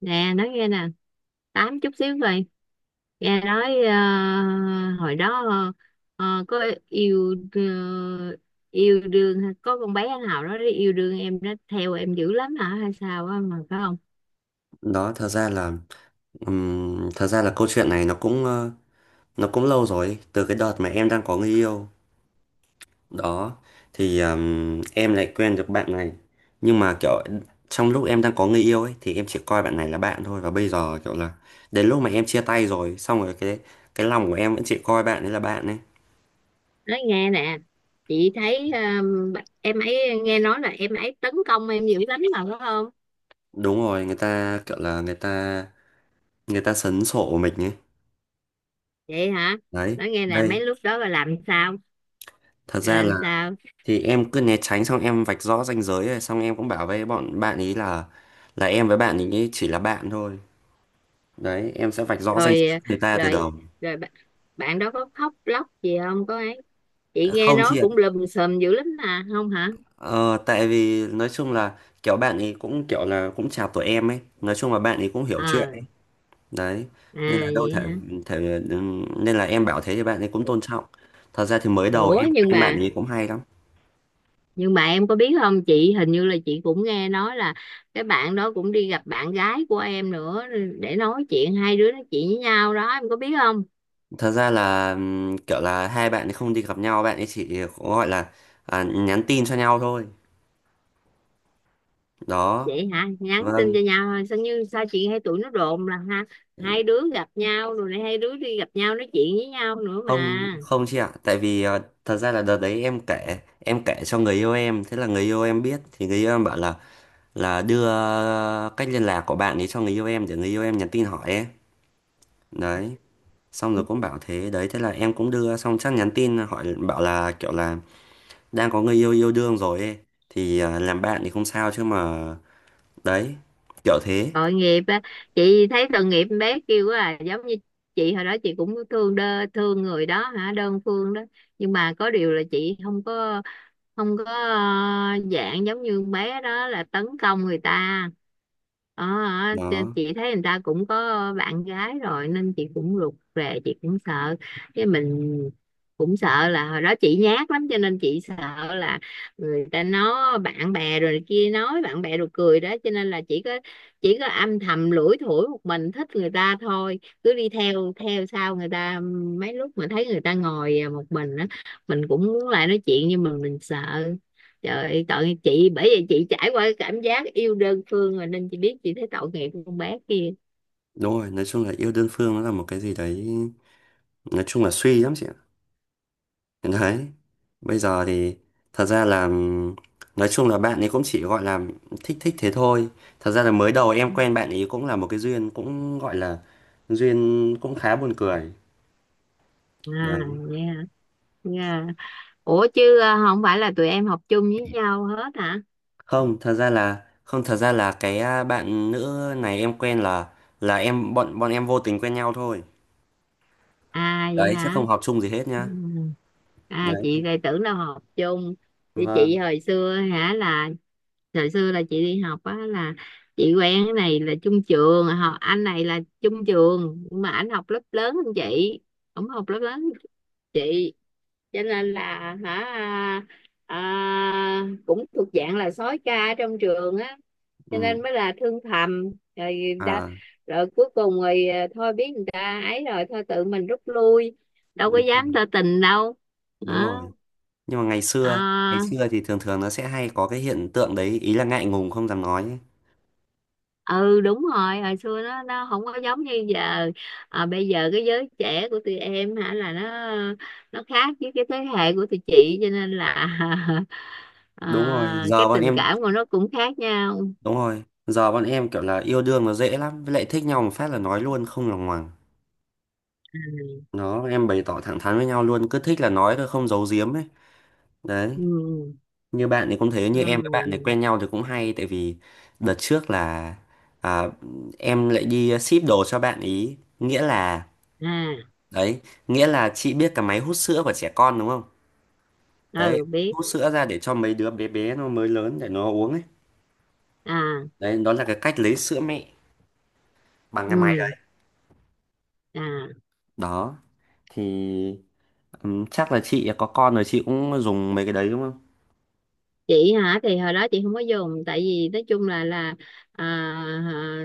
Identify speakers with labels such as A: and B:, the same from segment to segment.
A: Nè, nói nghe nè, tám chút xíu vậy. Nghe nói hồi đó có yêu, yêu đương có con bé nào đó yêu đương em đó, theo em dữ lắm hả hay sao á, mà phải không?
B: Đó, thật ra là câu chuyện này nó cũng lâu rồi từ cái đợt mà em đang có người yêu đó. Thì em lại quen được bạn này, nhưng mà kiểu trong lúc em đang có người yêu ấy thì em chỉ coi bạn này là bạn thôi. Và bây giờ kiểu là đến lúc mà em chia tay rồi xong rồi cái lòng của em vẫn chỉ coi bạn ấy là bạn ấy.
A: Nói nghe nè, chị thấy em ấy, nghe nói là em ấy tấn công em dữ lắm mà phải không?
B: Đúng rồi, người ta kiểu là người ta sấn sổ mình ấy,
A: Vậy hả?
B: đấy.
A: Nói nghe nè,
B: Đây.
A: mấy lúc đó là làm sao?
B: Thật ra
A: Làm
B: là
A: sao?
B: Thì em cứ né tránh, xong em vạch rõ ranh giới, rồi xong em cũng bảo với bọn bạn ý là em với bạn ý chỉ là bạn thôi. Đấy, em sẽ vạch rõ ranh
A: Rồi,
B: giới với người ta từ đầu.
A: rồi, rồi bạn đó có khóc lóc gì không có ấy? Chị nghe
B: Không
A: nói
B: chị ạ,
A: cũng lùm xùm dữ lắm mà, không hả?
B: ờ, tại vì nói chung là kiểu bạn ý cũng kiểu là cũng chào tuổi em ấy, nói chung là bạn ý cũng hiểu chuyện ấy.
A: Ờ.
B: Đấy,
A: À,
B: nên là đâu
A: vậy
B: thể,
A: hả?
B: thể nên là em bảo thế thì bạn ấy cũng tôn trọng. Thật ra thì mới đầu
A: Ủa,
B: em
A: nhưng
B: quen bạn
A: mà
B: ấy cũng hay lắm.
A: nhưng mà em có biết không, chị hình như là chị cũng nghe nói là cái bạn đó cũng đi gặp bạn gái của em nữa, để nói chuyện, hai đứa nói chuyện với nhau đó, em có biết không?
B: Thật ra là kiểu là hai bạn ấy không đi gặp nhau, bạn ấy chỉ có gọi là nhắn tin cho nhau thôi, đó.
A: Vậy hả, nhắn tin
B: Vâng.
A: cho nhau thôi sao, như sao chị hay tụi nó đồn là ha,
B: Ừ.
A: hai đứa gặp nhau rồi này, hai đứa đi gặp nhau nói chuyện với nhau nữa
B: Không,
A: mà.
B: không chị ạ, tại vì thật ra là đợt đấy em kể cho người yêu em, thế là người yêu em biết thì người yêu em bảo là đưa cách liên lạc của bạn ấy cho người yêu em để người yêu em nhắn tin hỏi ấy. Đấy, xong rồi cũng bảo thế, đấy thế là em cũng đưa xong chắc nhắn tin hỏi bảo là kiểu là đang có người yêu yêu đương rồi ấy thì làm bạn thì không sao chứ mà, đấy, kiểu thế.
A: Tội nghiệp á, chị thấy tội nghiệp con bé kêu quá à, giống như chị hồi đó chị cũng thương đơ, thương người đó hả, đơn phương đó. Nhưng mà có điều là chị không có dạng giống như con bé đó là tấn công người ta. Ờ.
B: Đó,
A: Chị thấy người ta cũng có bạn gái rồi nên chị cũng rụt rè, chị cũng sợ. Cái mình cũng sợ là hồi đó chị nhát lắm cho nên chị sợ là người ta nói bạn bè rồi này kia, nói bạn bè rồi cười đó, cho nên là chỉ có âm thầm lủi thủi một mình thích người ta thôi, cứ đi theo, theo sau người ta. Mấy lúc mà thấy người ta ngồi à một mình á, mình cũng muốn lại nói chuyện nhưng mà mình sợ. Trời ơi, tội chị, bởi vì chị trải qua cái cảm giác yêu đơn phương rồi nên chị biết, chị thấy tội nghiệp con bé kia.
B: đúng rồi, nói chung là yêu đơn phương nó là một cái gì đấy, nói chung là suy lắm chị ạ. Đấy. Bây giờ thì thật ra là nói chung là bạn ấy cũng chỉ gọi là thích thích thế thôi. Thật ra là mới đầu em quen bạn ấy cũng là một cái duyên, cũng gọi là duyên cũng khá buồn cười.
A: À.
B: Đấy.
A: Nha. Nha. Ủa chứ không phải là tụi em học chung với nhau hết hả?
B: Không, thật ra là cái bạn nữ này em quen là em bọn bọn em vô tình quen nhau thôi.
A: À vậy
B: Đấy, chứ
A: hả?
B: không học chung gì hết
A: Ừ.
B: nhá.
A: À,
B: Đấy.
A: chị lại tưởng đâu học chung. Thì
B: Vâng.
A: chị hồi xưa hả, là thời xưa là chị đi học á, là chị quen cái này là chung trường, họ anh này là chung trường nhưng mà anh học lớp lớn hơn chị, ổng học lớp lớn hơn chị, cho nên là, hả, cũng thuộc dạng là sói ca trong trường á, cho
B: Ừ.
A: nên mới là thương thầm. Rồi đã,
B: À,
A: rồi cuối cùng rồi thôi biết người ta ấy rồi, thôi tự mình rút lui, đâu có
B: đúng rồi.
A: dám tỏ tình đâu.
B: Đúng
A: Đó.
B: rồi. Nhưng mà ngày xưa, ngày
A: À,
B: xưa thì thường thường nó sẽ hay có cái hiện tượng đấy, ý là ngại ngùng không dám nói.
A: ừ đúng rồi, hồi xưa nó không có giống như giờ. Bây giờ cái giới trẻ của tụi em hả, là nó khác với cái thế hệ của tụi chị, cho nên là
B: Đúng rồi
A: cái
B: giờ bọn
A: tình
B: em
A: cảm của nó cũng khác nhau.
B: đúng rồi giờ bọn em kiểu là yêu đương nó dễ lắm, với lại thích nhau một phát là nói luôn không lòng ngoằng.
A: À.
B: Nó em bày tỏ thẳng thắn với nhau luôn, cứ thích là nói thôi không giấu giếm ấy, đấy.
A: Ừ.
B: Như bạn thì cũng thế, như em với bạn này
A: Ừ.
B: quen nhau thì cũng hay, tại vì đợt trước là à, em lại đi ship đồ cho bạn ý, nghĩa là,
A: À.
B: đấy, nghĩa là chị biết cái máy hút sữa của trẻ con đúng không? Đấy.
A: Ừ biết.
B: Hút sữa ra để cho mấy đứa bé bé nó mới lớn để nó uống ấy.
A: À.
B: Đấy, đó là cái cách lấy sữa mẹ bằng cái máy
A: Ừ.
B: đấy,
A: À.
B: đó. Thì chắc là chị có con rồi chị cũng dùng mấy cái đấy đúng không?
A: chị hả, thì hồi đó chị không có dùng, tại vì nói chung là, à, à,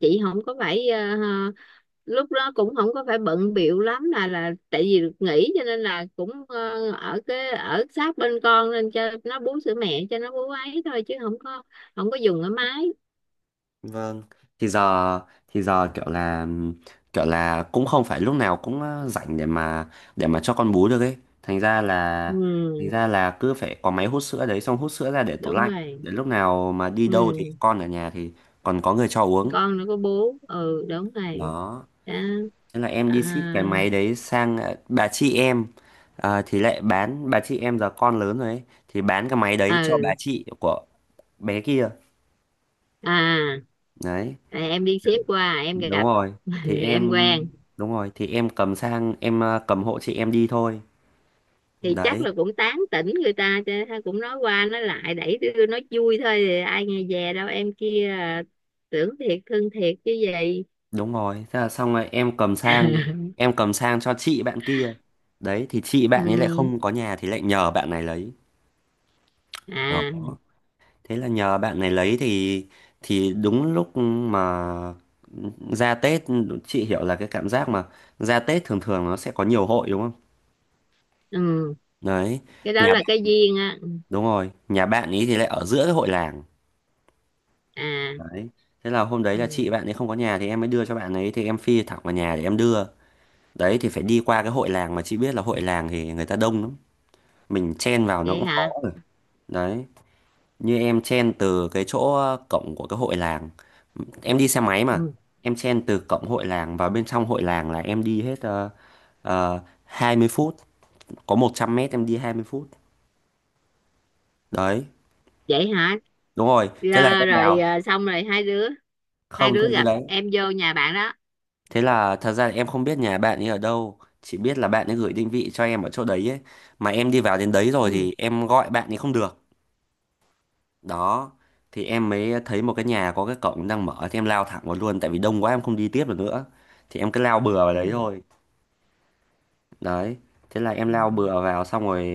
A: chị không có phải lúc đó cũng không có phải bận bịu lắm, là tại vì được nghỉ cho nên là cũng ở cái ở sát bên con nên cho nó bú sữa mẹ, cho nó bú ấy thôi chứ không có, không có dùng ở máy.
B: Vâng. Thì giờ thì giờ kiểu là cũng không phải lúc nào cũng rảnh để mà cho con bú được ấy. Thành ra là
A: Ừ.
B: thành ra là cứ phải có máy hút sữa đấy, xong hút sữa ra để tủ
A: Đúng
B: lạnh.
A: rồi.
B: Để lúc nào mà đi đâu thì
A: Ừ
B: con ở nhà thì còn có người cho uống.
A: con nó có bú, ừ đúng rồi.
B: Đó.
A: Đó.
B: Thế là em đi
A: À.
B: ship cái máy đấy sang bà chị em, thì lại bán, bà chị em giờ con lớn rồi ấy, thì bán cái máy đấy cho bà
A: Ừ.
B: chị của bé kia,
A: À.
B: đấy.
A: À, em đi xếp qua em
B: đúng
A: gặp,
B: rồi thì
A: em
B: em
A: quen.
B: đúng rồi thì em cầm sang, em cầm hộ chị em đi thôi,
A: Thì chắc
B: đấy.
A: là cũng tán tỉnh người ta chứ, thôi cũng nói qua nói lại, đẩy đưa nói vui thôi, thì ai nghe về đâu, em kia tưởng thiệt thương thiệt chứ gì.
B: Đúng rồi, thế là xong rồi em cầm sang em cầm sang cho chị bạn kia, đấy. Thì chị
A: Ừ.
B: bạn ấy lại không có nhà thì lại nhờ bạn này lấy, đó.
A: À.
B: Thế là nhờ bạn này lấy thì đúng lúc mà ra Tết. Chị hiểu là cái cảm giác mà ra Tết thường thường nó sẽ có nhiều hội đúng không?
A: Ừ.
B: Đấy,
A: Cái đó
B: nhà
A: là cái
B: bạn
A: duyên á.
B: đúng rồi nhà bạn ấy thì lại ở giữa cái hội làng.
A: À.
B: Đấy. Thế là hôm đấy là
A: Ừ.
B: chị bạn ấy không có nhà, thì em mới đưa cho bạn ấy, thì em phi thẳng vào nhà để em đưa. Đấy, thì phải đi qua cái hội làng, mà chị biết là hội làng thì người ta đông lắm. Mình chen vào nó
A: Vậy
B: cũng khó
A: hả?
B: rồi. Đấy. Như em chen từ cái chỗ cổng của cái hội làng. Em đi xe máy mà.
A: Ừ.
B: Em chen từ cổng hội làng vào bên trong hội làng là em đi hết 20 phút. Có 100 mét em đi 20 phút. Đấy.
A: Vậy hả?
B: Đúng rồi. Thế là
A: Rồi,
B: em
A: rồi,
B: vào.
A: xong rồi hai đứa, hai
B: Không, thế
A: đứa gặp,
B: đấy.
A: em vô nhà bạn đó.
B: Thế là thật ra em không biết nhà bạn ấy ở đâu, chỉ biết là bạn ấy gửi định vị cho em ở chỗ đấy ấy. Mà em đi vào đến đấy rồi
A: Ừ.
B: thì em gọi bạn ấy không được. Đó, thì em mới thấy một cái nhà có cái cổng đang mở thì em lao thẳng vào luôn, tại vì đông quá em không đi tiếp được nữa. Thì em cứ lao bừa vào đấy
A: Ừ.
B: thôi. Đấy, thế là em
A: Ừ.
B: lao bừa vào xong rồi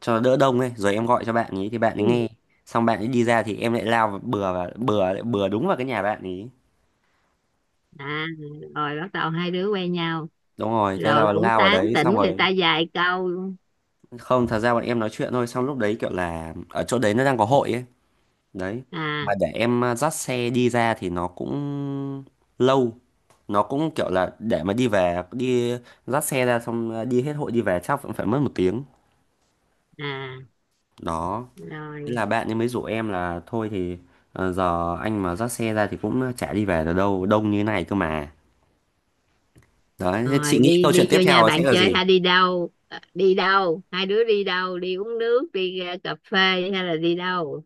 B: cho đỡ đông ấy, rồi em gọi cho bạn ấy thì bạn ấy
A: Ừ.
B: nghe. Xong bạn ấy đi ra thì em lại lao bừa vào, bừa bừa đúng vào cái nhà bạn ấy.
A: À. Rồi bắt đầu hai đứa quen nhau,
B: Đúng rồi, thế
A: rồi
B: là
A: cũng
B: lao vào
A: tán
B: đấy
A: tỉnh
B: xong
A: người
B: rồi.
A: ta vài câu.
B: Không, thật ra bọn em nói chuyện thôi, xong lúc đấy kiểu là ở chỗ đấy nó đang có hội ấy. Đấy.
A: À.
B: Mà để em dắt xe đi ra thì nó cũng lâu. Nó cũng kiểu là để mà đi về, đi dắt xe ra xong đi hết hội đi về chắc cũng phải mất một tiếng.
A: À.
B: Đó. Thế
A: Rồi,
B: là bạn ấy mới rủ em là thôi thì giờ anh mà dắt xe ra thì cũng chả đi về được đâu, đông như thế này cơ mà. Đấy, thế chị
A: rồi
B: nghĩ
A: đi,
B: câu chuyện
A: đi
B: tiếp
A: vô nhà
B: theo sẽ
A: bạn
B: là
A: chơi
B: gì?
A: hay đi đâu, ờ, đi đâu, hai đứa đi đâu, đi uống nước, đi ra cà phê, hay là đi đâu?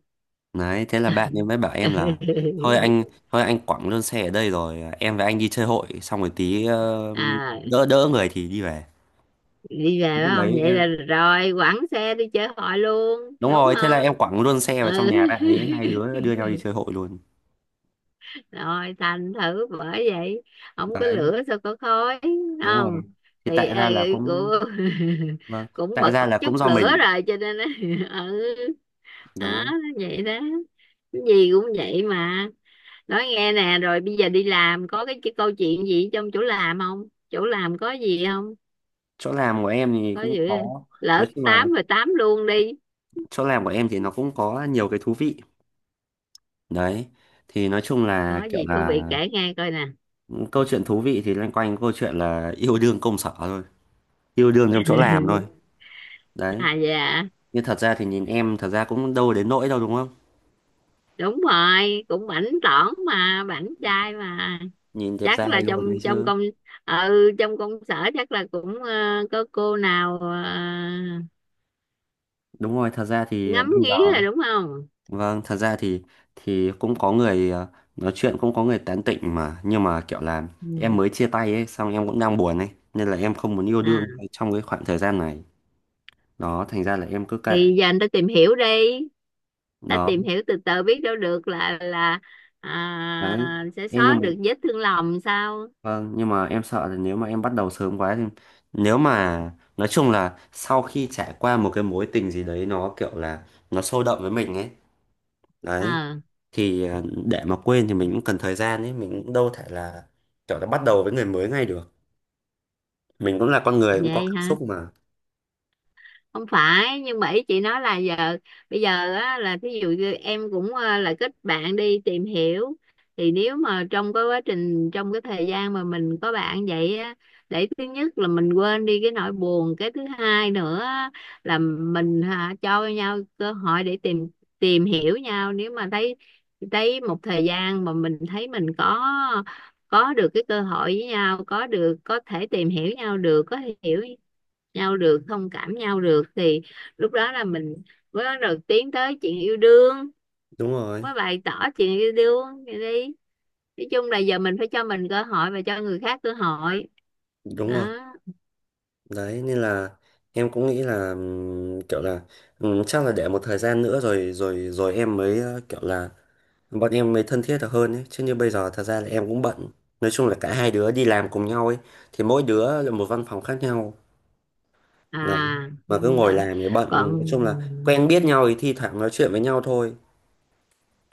B: Đấy, thế là bạn ấy mới bảo em là thôi anh thôi anh quẳng luôn xe ở đây rồi em và anh đi chơi hội, xong rồi tí
A: À,
B: đỡ đỡ người thì đi về.
A: đi về phải
B: Lúc
A: không,
B: đấy
A: vậy là
B: em
A: rồi quẳng xe đi chơi hội luôn
B: đúng
A: đúng
B: rồi, thế là
A: không?
B: em quẳng luôn xe vào trong
A: Ừ.
B: nhà bạn ấy, hai đứa đưa nhau đi chơi hội luôn.
A: Rồi thành thử bởi vậy, không có
B: Đấy,
A: lửa sao có khói.
B: đúng rồi.
A: Không.
B: Thì
A: Thì
B: tại ra là cũng
A: cô
B: vâng,
A: cũng
B: tại
A: bật
B: ra là
A: chút
B: cũng do
A: lửa
B: mình.
A: rồi cho nên á. Ừ. Đó.
B: Đó.
A: Vậy đó, cái gì cũng vậy mà. Nói nghe nè, rồi bây giờ đi làm có cái câu chuyện gì trong chỗ làm không, chỗ làm có gì không?
B: Chỗ làm của em thì
A: Có
B: cũng
A: gì không?
B: có
A: Lỡ
B: nói chung là
A: tám rồi tám luôn đi.
B: chỗ làm của em thì nó cũng có nhiều cái thú vị. Đấy. Thì nói chung là
A: Có
B: kiểu
A: gì thú
B: là
A: vị kể nghe coi nè.
B: câu chuyện thú vị thì loanh quanh câu chuyện là yêu đương công sở thôi, yêu đương trong chỗ làm thôi, đấy.
A: À dạ.
B: Nhưng thật ra thì nhìn em thật ra cũng đâu đến nỗi đâu đúng không,
A: Đúng rồi, cũng bảnh tỏn mà, bảnh trai mà.
B: nhìn đẹp
A: Chắc
B: trai
A: là
B: luôn
A: trong
B: đấy
A: trong
B: chứ.
A: công, ừ trong công sở chắc là cũng có cô nào
B: Đúng rồi, thật ra thì
A: ngắm
B: bây giờ,
A: nghía rồi đúng không?
B: vâng, thật ra thì cũng có người nói chuyện, cũng có người tán tỉnh mà, nhưng mà kiểu là em
A: Ừ.
B: mới chia tay ấy, xong em cũng đang buồn ấy nên là em không muốn yêu
A: À,
B: đương trong cái khoảng thời gian này, đó, thành ra là em cứ kệ,
A: thì giờ anh ta tìm hiểu đi, ta
B: đó,
A: tìm hiểu từ từ biết đâu được là
B: đấy.
A: sẽ
B: Em nhưng
A: xóa
B: mà
A: được vết thương lòng sao.
B: Vâng, nhưng mà em sợ là nếu mà em bắt đầu sớm quá thì, nếu mà nói chung là sau khi trải qua một cái mối tình gì đấy nó kiểu là nó sôi động với mình ấy, đấy.
A: Ờ.
B: Thì để mà quên thì mình cũng cần thời gian ấy, mình cũng đâu thể là kiểu là bắt đầu với người mới ngay được. Mình cũng là con người cũng có
A: Vậy
B: cảm
A: hả?
B: xúc mà.
A: Không phải, nhưng mà ý chị nói là giờ, bây giờ á, là thí dụ như em cũng là kết bạn đi tìm hiểu, thì nếu mà trong cái quá trình, trong cái thời gian mà mình có bạn vậy á, để thứ nhất là mình quên đi cái nỗi buồn, cái thứ hai nữa á, là mình hả, cho nhau cơ hội để tìm, tìm hiểu nhau, nếu mà thấy, thấy một thời gian mà mình thấy mình có được cái cơ hội với nhau, có được có thể tìm hiểu nhau được, có thể hiểu nhau được, thông cảm nhau được thì lúc đó là mình mới bắt đầu tiến tới chuyện yêu đương,
B: Đúng rồi,
A: mới bày tỏ chuyện yêu đương vậy đi. Nói chung là giờ mình phải cho mình cơ hội và cho người khác cơ hội.
B: đúng rồi.
A: Đó.
B: Đấy nên là em cũng nghĩ là kiểu là chắc là để một thời gian nữa rồi rồi rồi em mới kiểu là bọn em mới thân thiết được hơn ấy. Chứ như bây giờ thật ra là em cũng bận, nói chung là cả hai đứa đi làm cùng nhau ấy thì mỗi đứa là một văn phòng khác nhau, đấy.
A: À
B: Mà
A: thì
B: cứ
A: cũng
B: ngồi
A: đợi.
B: làm thì bận, nói
A: Còn,
B: chung là quen biết nhau thì thi thoảng nói chuyện với nhau thôi.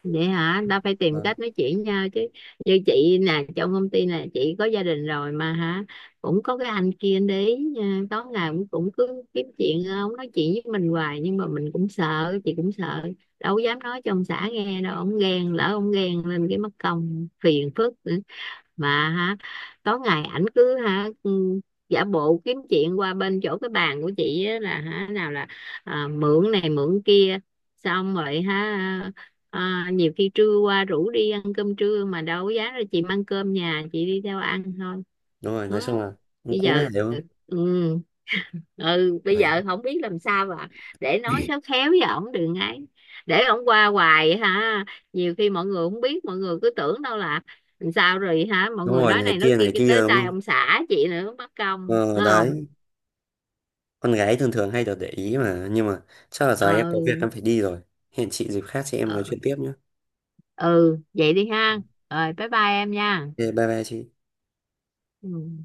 A: vậy hả, ta phải tìm
B: Vâng.
A: cách nói chuyện nhau chứ. Như chị nè, trong công ty nè, chị có gia đình rồi mà hả, cũng có cái anh kia để ý nha, tối ngày cũng cũng cứ kiếm chuyện ông nói chuyện với mình hoài, nhưng mà mình cũng sợ, chị cũng sợ, đâu dám nói cho ông xã nghe đâu, ông ghen, lỡ ông ghen lên cái mất công phiền phức. Ừ, mà ha, tối ngày ảnh cứ ha, ừ, giả bộ kiếm chuyện qua bên chỗ cái bàn của chị á, là hả nào là mượn này mượn kia, xong rồi ha, nhiều khi trưa qua rủ đi ăn cơm trưa mà đâu có dám đâu, chị mang cơm nhà chị đi theo ăn thôi.
B: Đúng rồi, nói chung
A: Đó.
B: là cũng
A: Bây
B: cũng ngại
A: giờ,
B: đúng không?
A: ừ, ừ bây
B: Đấy.
A: giờ không biết làm sao mà để nói khéo khéo với ổng đừng, ngay để ổng qua hoài ha, nhiều khi mọi người không biết, mọi người cứ tưởng đâu là làm sao rồi hả, mọi
B: Đúng
A: người
B: rồi,
A: nói này nói kia
B: này
A: cái tới
B: kia đúng
A: tay
B: không?
A: ông xã chị nữa, mất công
B: Ờ,
A: đúng không.
B: Đấy, con gái thường thường hay được để ý mà, nhưng mà chắc là giờ em có việc
A: Ừ.
B: em phải đi rồi, hẹn chị dịp khác chị em nói
A: Ừ,
B: chuyện tiếp nhé.
A: ừ vậy đi ha. Rồi bye bye em nha.
B: Ok, bye bye chị.
A: Ừ.